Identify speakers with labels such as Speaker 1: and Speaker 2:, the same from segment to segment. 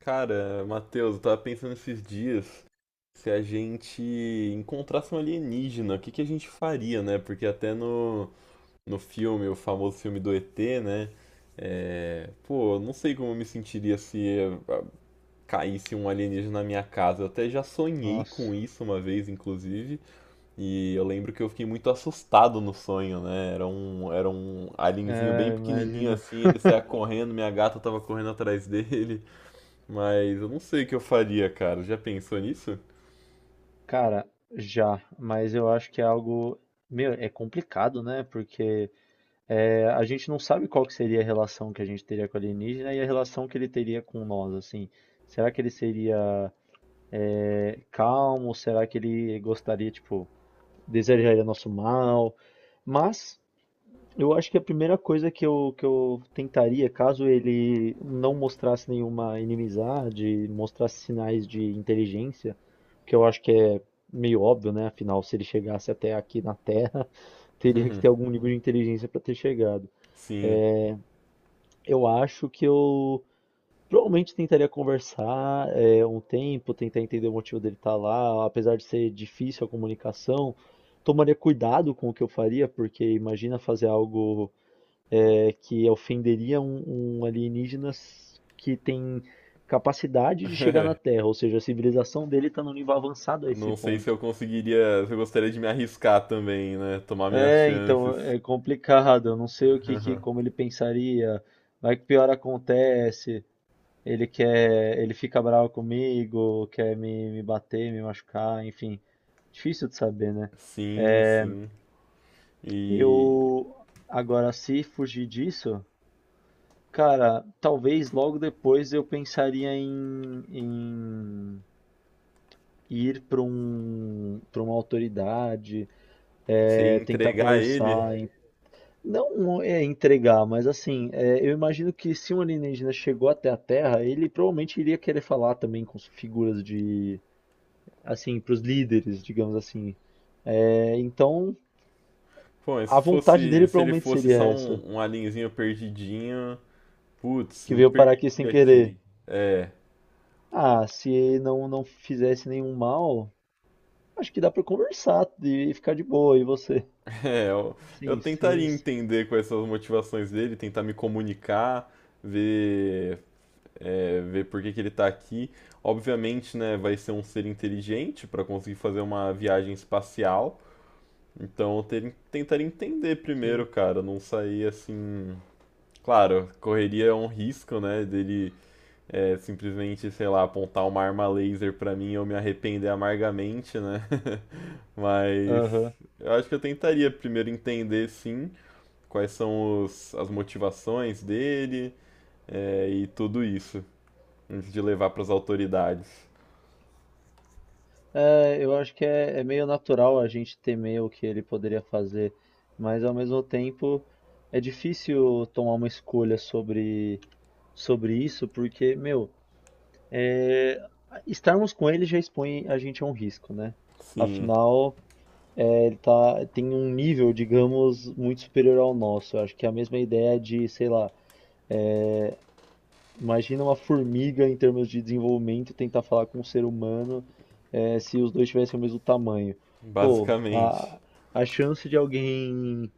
Speaker 1: Cara, Matheus, eu tava pensando esses dias se a gente encontrasse um alienígena, o que que a gente faria, né? Porque até no filme, o famoso filme do ET, né? É, pô, eu não sei como eu me sentiria se ah, caísse um alienígena na minha casa. Eu até já sonhei
Speaker 2: Nossa.
Speaker 1: com isso uma vez, inclusive, e eu lembro que eu fiquei muito assustado no sonho, né? Era um alienzinho bem pequenininho
Speaker 2: Imagina.
Speaker 1: assim, ele saía correndo, minha gata tava correndo atrás dele. Mas eu não sei o que eu faria, cara. Já pensou nisso?
Speaker 2: Cara, já, mas eu acho que é algo, meu, é complicado, né? Porque a gente não sabe qual que seria a relação que a gente teria com o alienígena e a relação que ele teria com nós, assim. Será que ele seria calmo? Será que ele gostaria, tipo, desejaria nosso mal? Mas eu acho que a primeira coisa que eu tentaria, caso ele não mostrasse nenhuma inimizade, mostrasse sinais de inteligência, que eu acho que é meio óbvio, né? Afinal, se ele chegasse até aqui na Terra, teria que ter algum nível de inteligência para ter chegado.
Speaker 1: Sim.
Speaker 2: Eu acho que eu provavelmente tentaria conversar um tempo, tentar entender o motivo dele estar lá, apesar de ser difícil a comunicação. Tomaria cuidado com o que eu faria, porque imagina fazer algo que ofenderia um alienígena que tem capacidade de chegar na Terra, ou seja, a civilização dele está num nível avançado a
Speaker 1: Eu
Speaker 2: esse
Speaker 1: não sei se
Speaker 2: ponto.
Speaker 1: eu conseguiria, se eu gostaria de me arriscar também, né? Tomar minhas
Speaker 2: É,
Speaker 1: chances.
Speaker 2: então é complicado. Eu não sei o que, que como ele pensaria. Vai que pior acontece. Ele quer, ele fica bravo comigo, quer me bater, me machucar, enfim. Difícil de saber, né?
Speaker 1: Sim, sim. E
Speaker 2: Eu agora, se fugir disso, cara, talvez logo depois eu pensaria em ir para para uma autoridade,
Speaker 1: se
Speaker 2: tentar
Speaker 1: entregar ele,
Speaker 2: conversar, não é entregar, mas assim, é, eu imagino que se um alienígena chegou até a Terra, ele provavelmente iria querer falar também com as figuras de, assim, para os líderes, digamos assim. É, então,
Speaker 1: pô, mas se
Speaker 2: a vontade
Speaker 1: fosse,
Speaker 2: dele
Speaker 1: se ele
Speaker 2: provavelmente
Speaker 1: fosse
Speaker 2: seria
Speaker 1: só
Speaker 2: essa,
Speaker 1: um, um alienzinho perdidinho, putz,
Speaker 2: que
Speaker 1: me
Speaker 2: veio parar aqui
Speaker 1: perdi
Speaker 2: sem querer.
Speaker 1: aqui.
Speaker 2: Ah, se não fizesse nenhum mal. Acho que dá pra conversar e ficar de boa, e você?
Speaker 1: É, eu
Speaker 2: Sim,
Speaker 1: tentaria
Speaker 2: sim,
Speaker 1: entender quais são as motivações dele, tentar me comunicar, ver ver por que que ele está aqui. Obviamente, né, vai ser um ser inteligente para conseguir fazer uma viagem espacial. Então, eu tentar entender primeiro,
Speaker 2: sim.
Speaker 1: cara, não sair assim. Claro, correria um risco, né, dele simplesmente, sei lá, apontar uma arma laser para mim e eu me arrepender amargamente, né? Mas
Speaker 2: Aham.
Speaker 1: eu acho que eu tentaria primeiro entender, sim, quais são as motivações dele, e tudo isso antes de levar pras autoridades.
Speaker 2: É, eu acho que é meio natural a gente temer o que ele poderia fazer, mas ao mesmo tempo é difícil tomar uma escolha sobre isso, porque, meu, é, estarmos com ele já expõe a gente a um risco, né?
Speaker 1: Sim,
Speaker 2: Afinal, é, ele tá, tem um nível, digamos, muito superior ao nosso. Eu acho que é a mesma ideia de, sei lá. é, Imagina uma formiga em termos de desenvolvimento tentar falar com um ser humano, se os dois tivessem o mesmo tamanho. Pô,
Speaker 1: basicamente.
Speaker 2: a chance de alguém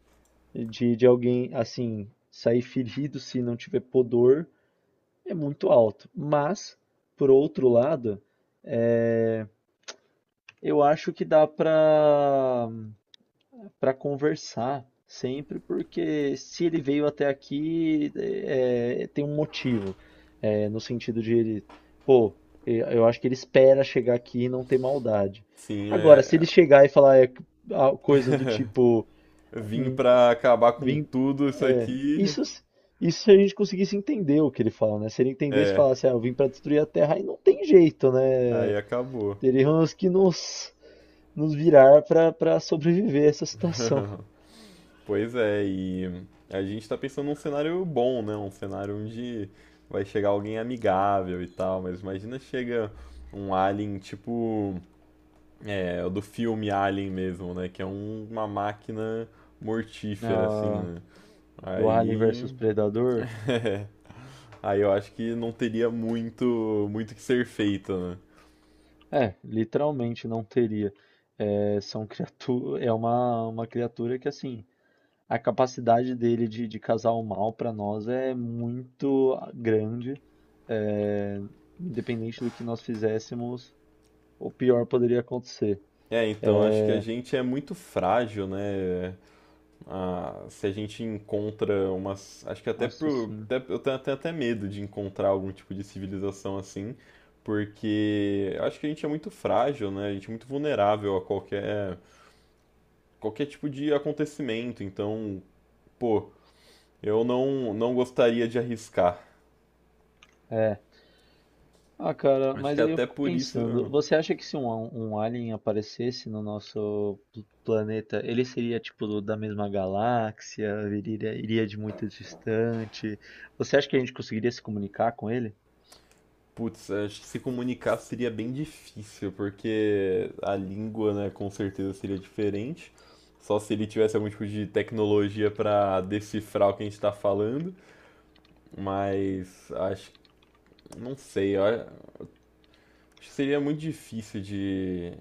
Speaker 2: de alguém assim sair ferido se não tiver pudor é muito alto. Mas, por outro lado, eu acho que dá pra para conversar sempre, porque se ele veio até aqui, é, tem um motivo. É, no sentido de ele, pô, eu acho que ele espera chegar aqui e não ter maldade.
Speaker 1: Sim, é.
Speaker 2: Agora, se ele
Speaker 1: É,
Speaker 2: chegar e falar ah, coisas do tipo,
Speaker 1: vim
Speaker 2: "Hum,
Speaker 1: pra acabar com
Speaker 2: vim,
Speaker 1: tudo isso
Speaker 2: é,
Speaker 1: aqui.
Speaker 2: isso se a gente conseguisse entender o que ele fala, né? Se ele entendesse e
Speaker 1: É,
Speaker 2: falasse, ah, eu vim para destruir a Terra, aí não tem jeito,
Speaker 1: aí
Speaker 2: né?
Speaker 1: acabou.
Speaker 2: Teríamos que nos virar para sobreviver a essa situação.
Speaker 1: Pois é, e a gente tá pensando num cenário bom, né? Um cenário onde vai chegar alguém amigável e tal, mas imagina chega um alien tipo. É, o do filme Alien mesmo, né? Que é uma máquina mortífera, assim,
Speaker 2: Ah,
Speaker 1: né?
Speaker 2: do Alien
Speaker 1: Aí.
Speaker 2: versus Predador,
Speaker 1: é, aí eu acho que não teria muito, muito que ser feito, né?
Speaker 2: é, literalmente não teria. É, são criatu é uma criatura que, assim, a capacidade dele de causar o mal para nós é muito grande. É, independente do que nós fizéssemos, o pior poderia acontecer.
Speaker 1: É, então acho que a
Speaker 2: É,
Speaker 1: gente é muito frágil, né? Ah, se a gente encontra umas. Acho que
Speaker 2: nossa, assim,
Speaker 1: eu tenho até, até medo de encontrar algum tipo de civilização assim, porque acho que a gente é muito frágil, né? A gente é muito vulnerável a qualquer, qualquer tipo de acontecimento. Então, pô, eu não, não gostaria de arriscar.
Speaker 2: é, ah, cara,
Speaker 1: Acho
Speaker 2: mas
Speaker 1: que
Speaker 2: aí eu
Speaker 1: até
Speaker 2: fico
Speaker 1: por
Speaker 2: pensando,
Speaker 1: isso
Speaker 2: você acha que se um alien aparecesse no nosso planeta, ele seria tipo da mesma galáxia, viria, iria de muito distante? Você acha que a gente conseguiria se comunicar com ele?
Speaker 1: putz, acho que se comunicar seria bem difícil, porque a língua, né, com certeza seria diferente. Só se ele tivesse algum tipo de tecnologia pra decifrar o que a gente tá falando. Mas acho, não sei, eu acho que seria muito difícil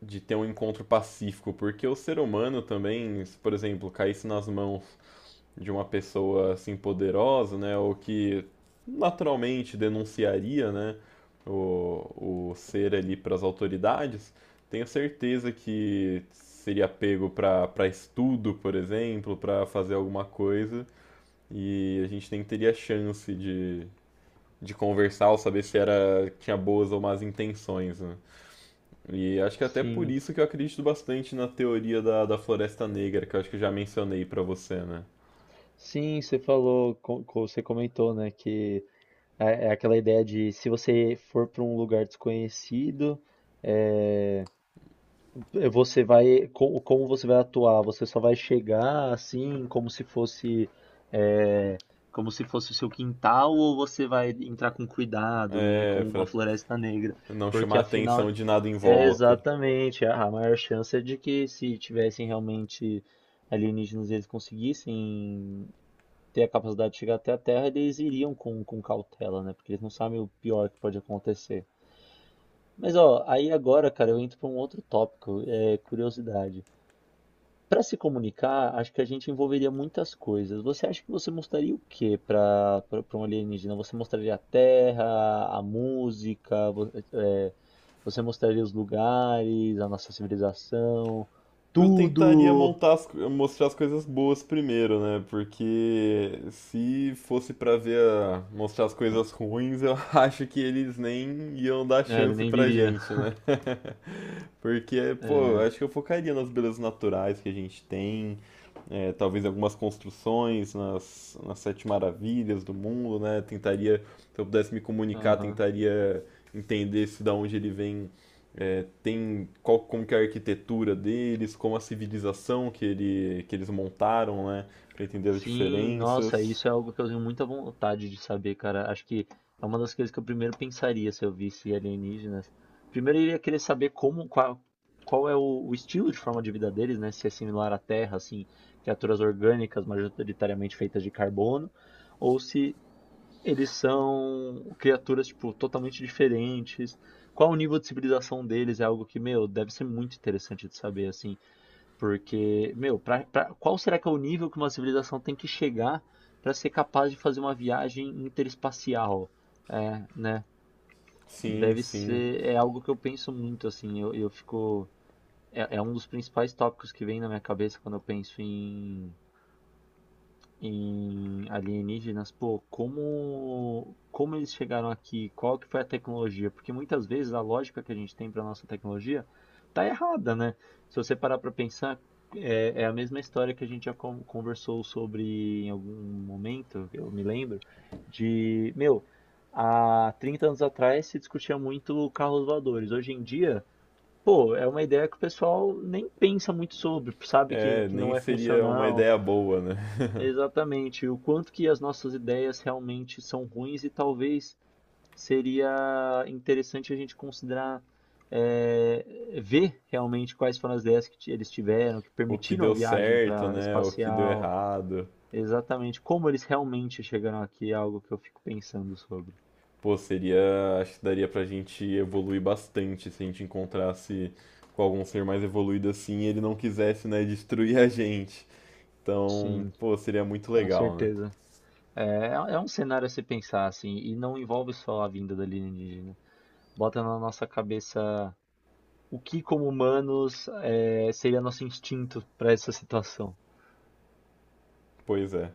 Speaker 1: de ter um encontro pacífico, porque o ser humano também, se, por exemplo, caísse nas mãos de uma pessoa assim poderosa, né, ou que naturalmente denunciaria, né, o ser ali para as autoridades, tenho certeza que seria pego para para estudo, por exemplo, para fazer alguma coisa, e a gente nem teria chance de conversar ou saber se era tinha boas ou más intenções, né? E acho que até por
Speaker 2: Sim,
Speaker 1: isso que eu acredito bastante na teoria da Floresta Negra, que eu acho que eu já mencionei para você, né?
Speaker 2: sim, você falou, você comentou, né, que é aquela ideia de se você for para um lugar desconhecido, é, eh, você vai, como você vai atuar? Você só vai chegar assim, como se fosse, eh, como se fosse o seu quintal, ou você vai entrar com cuidado, né?
Speaker 1: É,
Speaker 2: Como uma
Speaker 1: Fra,
Speaker 2: floresta negra,
Speaker 1: não chamar
Speaker 2: porque
Speaker 1: a
Speaker 2: afinal,
Speaker 1: atenção de nada em
Speaker 2: é
Speaker 1: volta.
Speaker 2: exatamente a maior chance é de que se tivessem realmente alienígenas, e eles conseguissem ter a capacidade de chegar até a Terra, eles iriam com cautela, né? Porque eles não sabem o pior que pode acontecer. Mas ó, aí agora, cara, eu entro para um outro tópico, é curiosidade. Para se comunicar, acho que a gente envolveria muitas coisas. Você acha que você mostraria o quê para um alienígena? Você mostraria a terra, a música, você mostraria os lugares, a nossa civilização,
Speaker 1: Eu tentaria
Speaker 2: tudo?
Speaker 1: montar mostrar as coisas boas primeiro, né? Porque se fosse pra ver mostrar as coisas ruins, eu acho que eles nem iam dar
Speaker 2: É, ele
Speaker 1: chance
Speaker 2: nem
Speaker 1: pra
Speaker 2: viria.
Speaker 1: gente, né? Porque, pô,
Speaker 2: É,
Speaker 1: acho que eu focaria nas belezas naturais que a gente tem, talvez algumas construções, nas 7 maravilhas do mundo, né? Tentaria, se eu pudesse me comunicar,
Speaker 2: aham.
Speaker 1: tentaria entender se da onde ele vem, é, tem qual, como que é a arquitetura deles, como a civilização que, ele, que eles montaram, né? Para entender as
Speaker 2: Sim, nossa,
Speaker 1: diferenças.
Speaker 2: isso é algo que eu tenho muita vontade de saber, cara. Acho que é uma das coisas que eu primeiro pensaria se eu visse alienígenas. Primeiro eu iria querer saber como, qual é o estilo de forma de vida deles, né? Se é similar à Terra, assim, criaturas orgânicas majoritariamente feitas de carbono, ou se eles são criaturas, tipo, totalmente diferentes. Qual o nível de civilização deles? É algo que, meu, deve ser muito interessante de saber, assim. Porque, meu, qual será que é o nível que uma civilização tem que chegar para ser capaz de fazer uma viagem interespacial? É, né?
Speaker 1: Sim,
Speaker 2: Deve
Speaker 1: sim.
Speaker 2: ser, é algo que eu penso muito, assim, eu fico, é, é um dos principais tópicos que vem na minha cabeça quando eu penso em alienígenas, pô, como eles chegaram aqui? Qual que foi a tecnologia? Porque muitas vezes a lógica que a gente tem para nossa tecnologia tá errada, né? Se você parar para pensar, é, é a mesma história que a gente já conversou sobre em algum momento, eu me lembro, de, meu, há 30 anos atrás se discutia muito carros voadores. Hoje em dia, pô, é uma ideia que o pessoal nem pensa muito sobre, sabe
Speaker 1: É,
Speaker 2: que
Speaker 1: nem
Speaker 2: não é
Speaker 1: seria uma
Speaker 2: funcional.
Speaker 1: ideia boa, né?
Speaker 2: Exatamente. O quanto que as nossas ideias realmente são ruins e talvez seria interessante a gente considerar é, ver realmente quais foram as ideias que eles tiveram, que
Speaker 1: O que
Speaker 2: permitiram a
Speaker 1: deu
Speaker 2: viagem
Speaker 1: certo,
Speaker 2: para
Speaker 1: né? O que deu
Speaker 2: espacial,
Speaker 1: errado.
Speaker 2: exatamente como eles realmente chegaram aqui, é algo que eu fico pensando sobre.
Speaker 1: Pô, seria. Acho que daria pra gente evoluir bastante se a gente encontrasse com algum ser mais evoluído assim e ele não quisesse, né, destruir a gente. Então,
Speaker 2: Sim,
Speaker 1: pô, seria muito
Speaker 2: com
Speaker 1: legal, né?
Speaker 2: certeza. É, é um cenário a se pensar assim, e não envolve só a vinda da alienígena. Bota na nossa cabeça o que como humanos é, seria nosso instinto para essa situação.
Speaker 1: Pois é.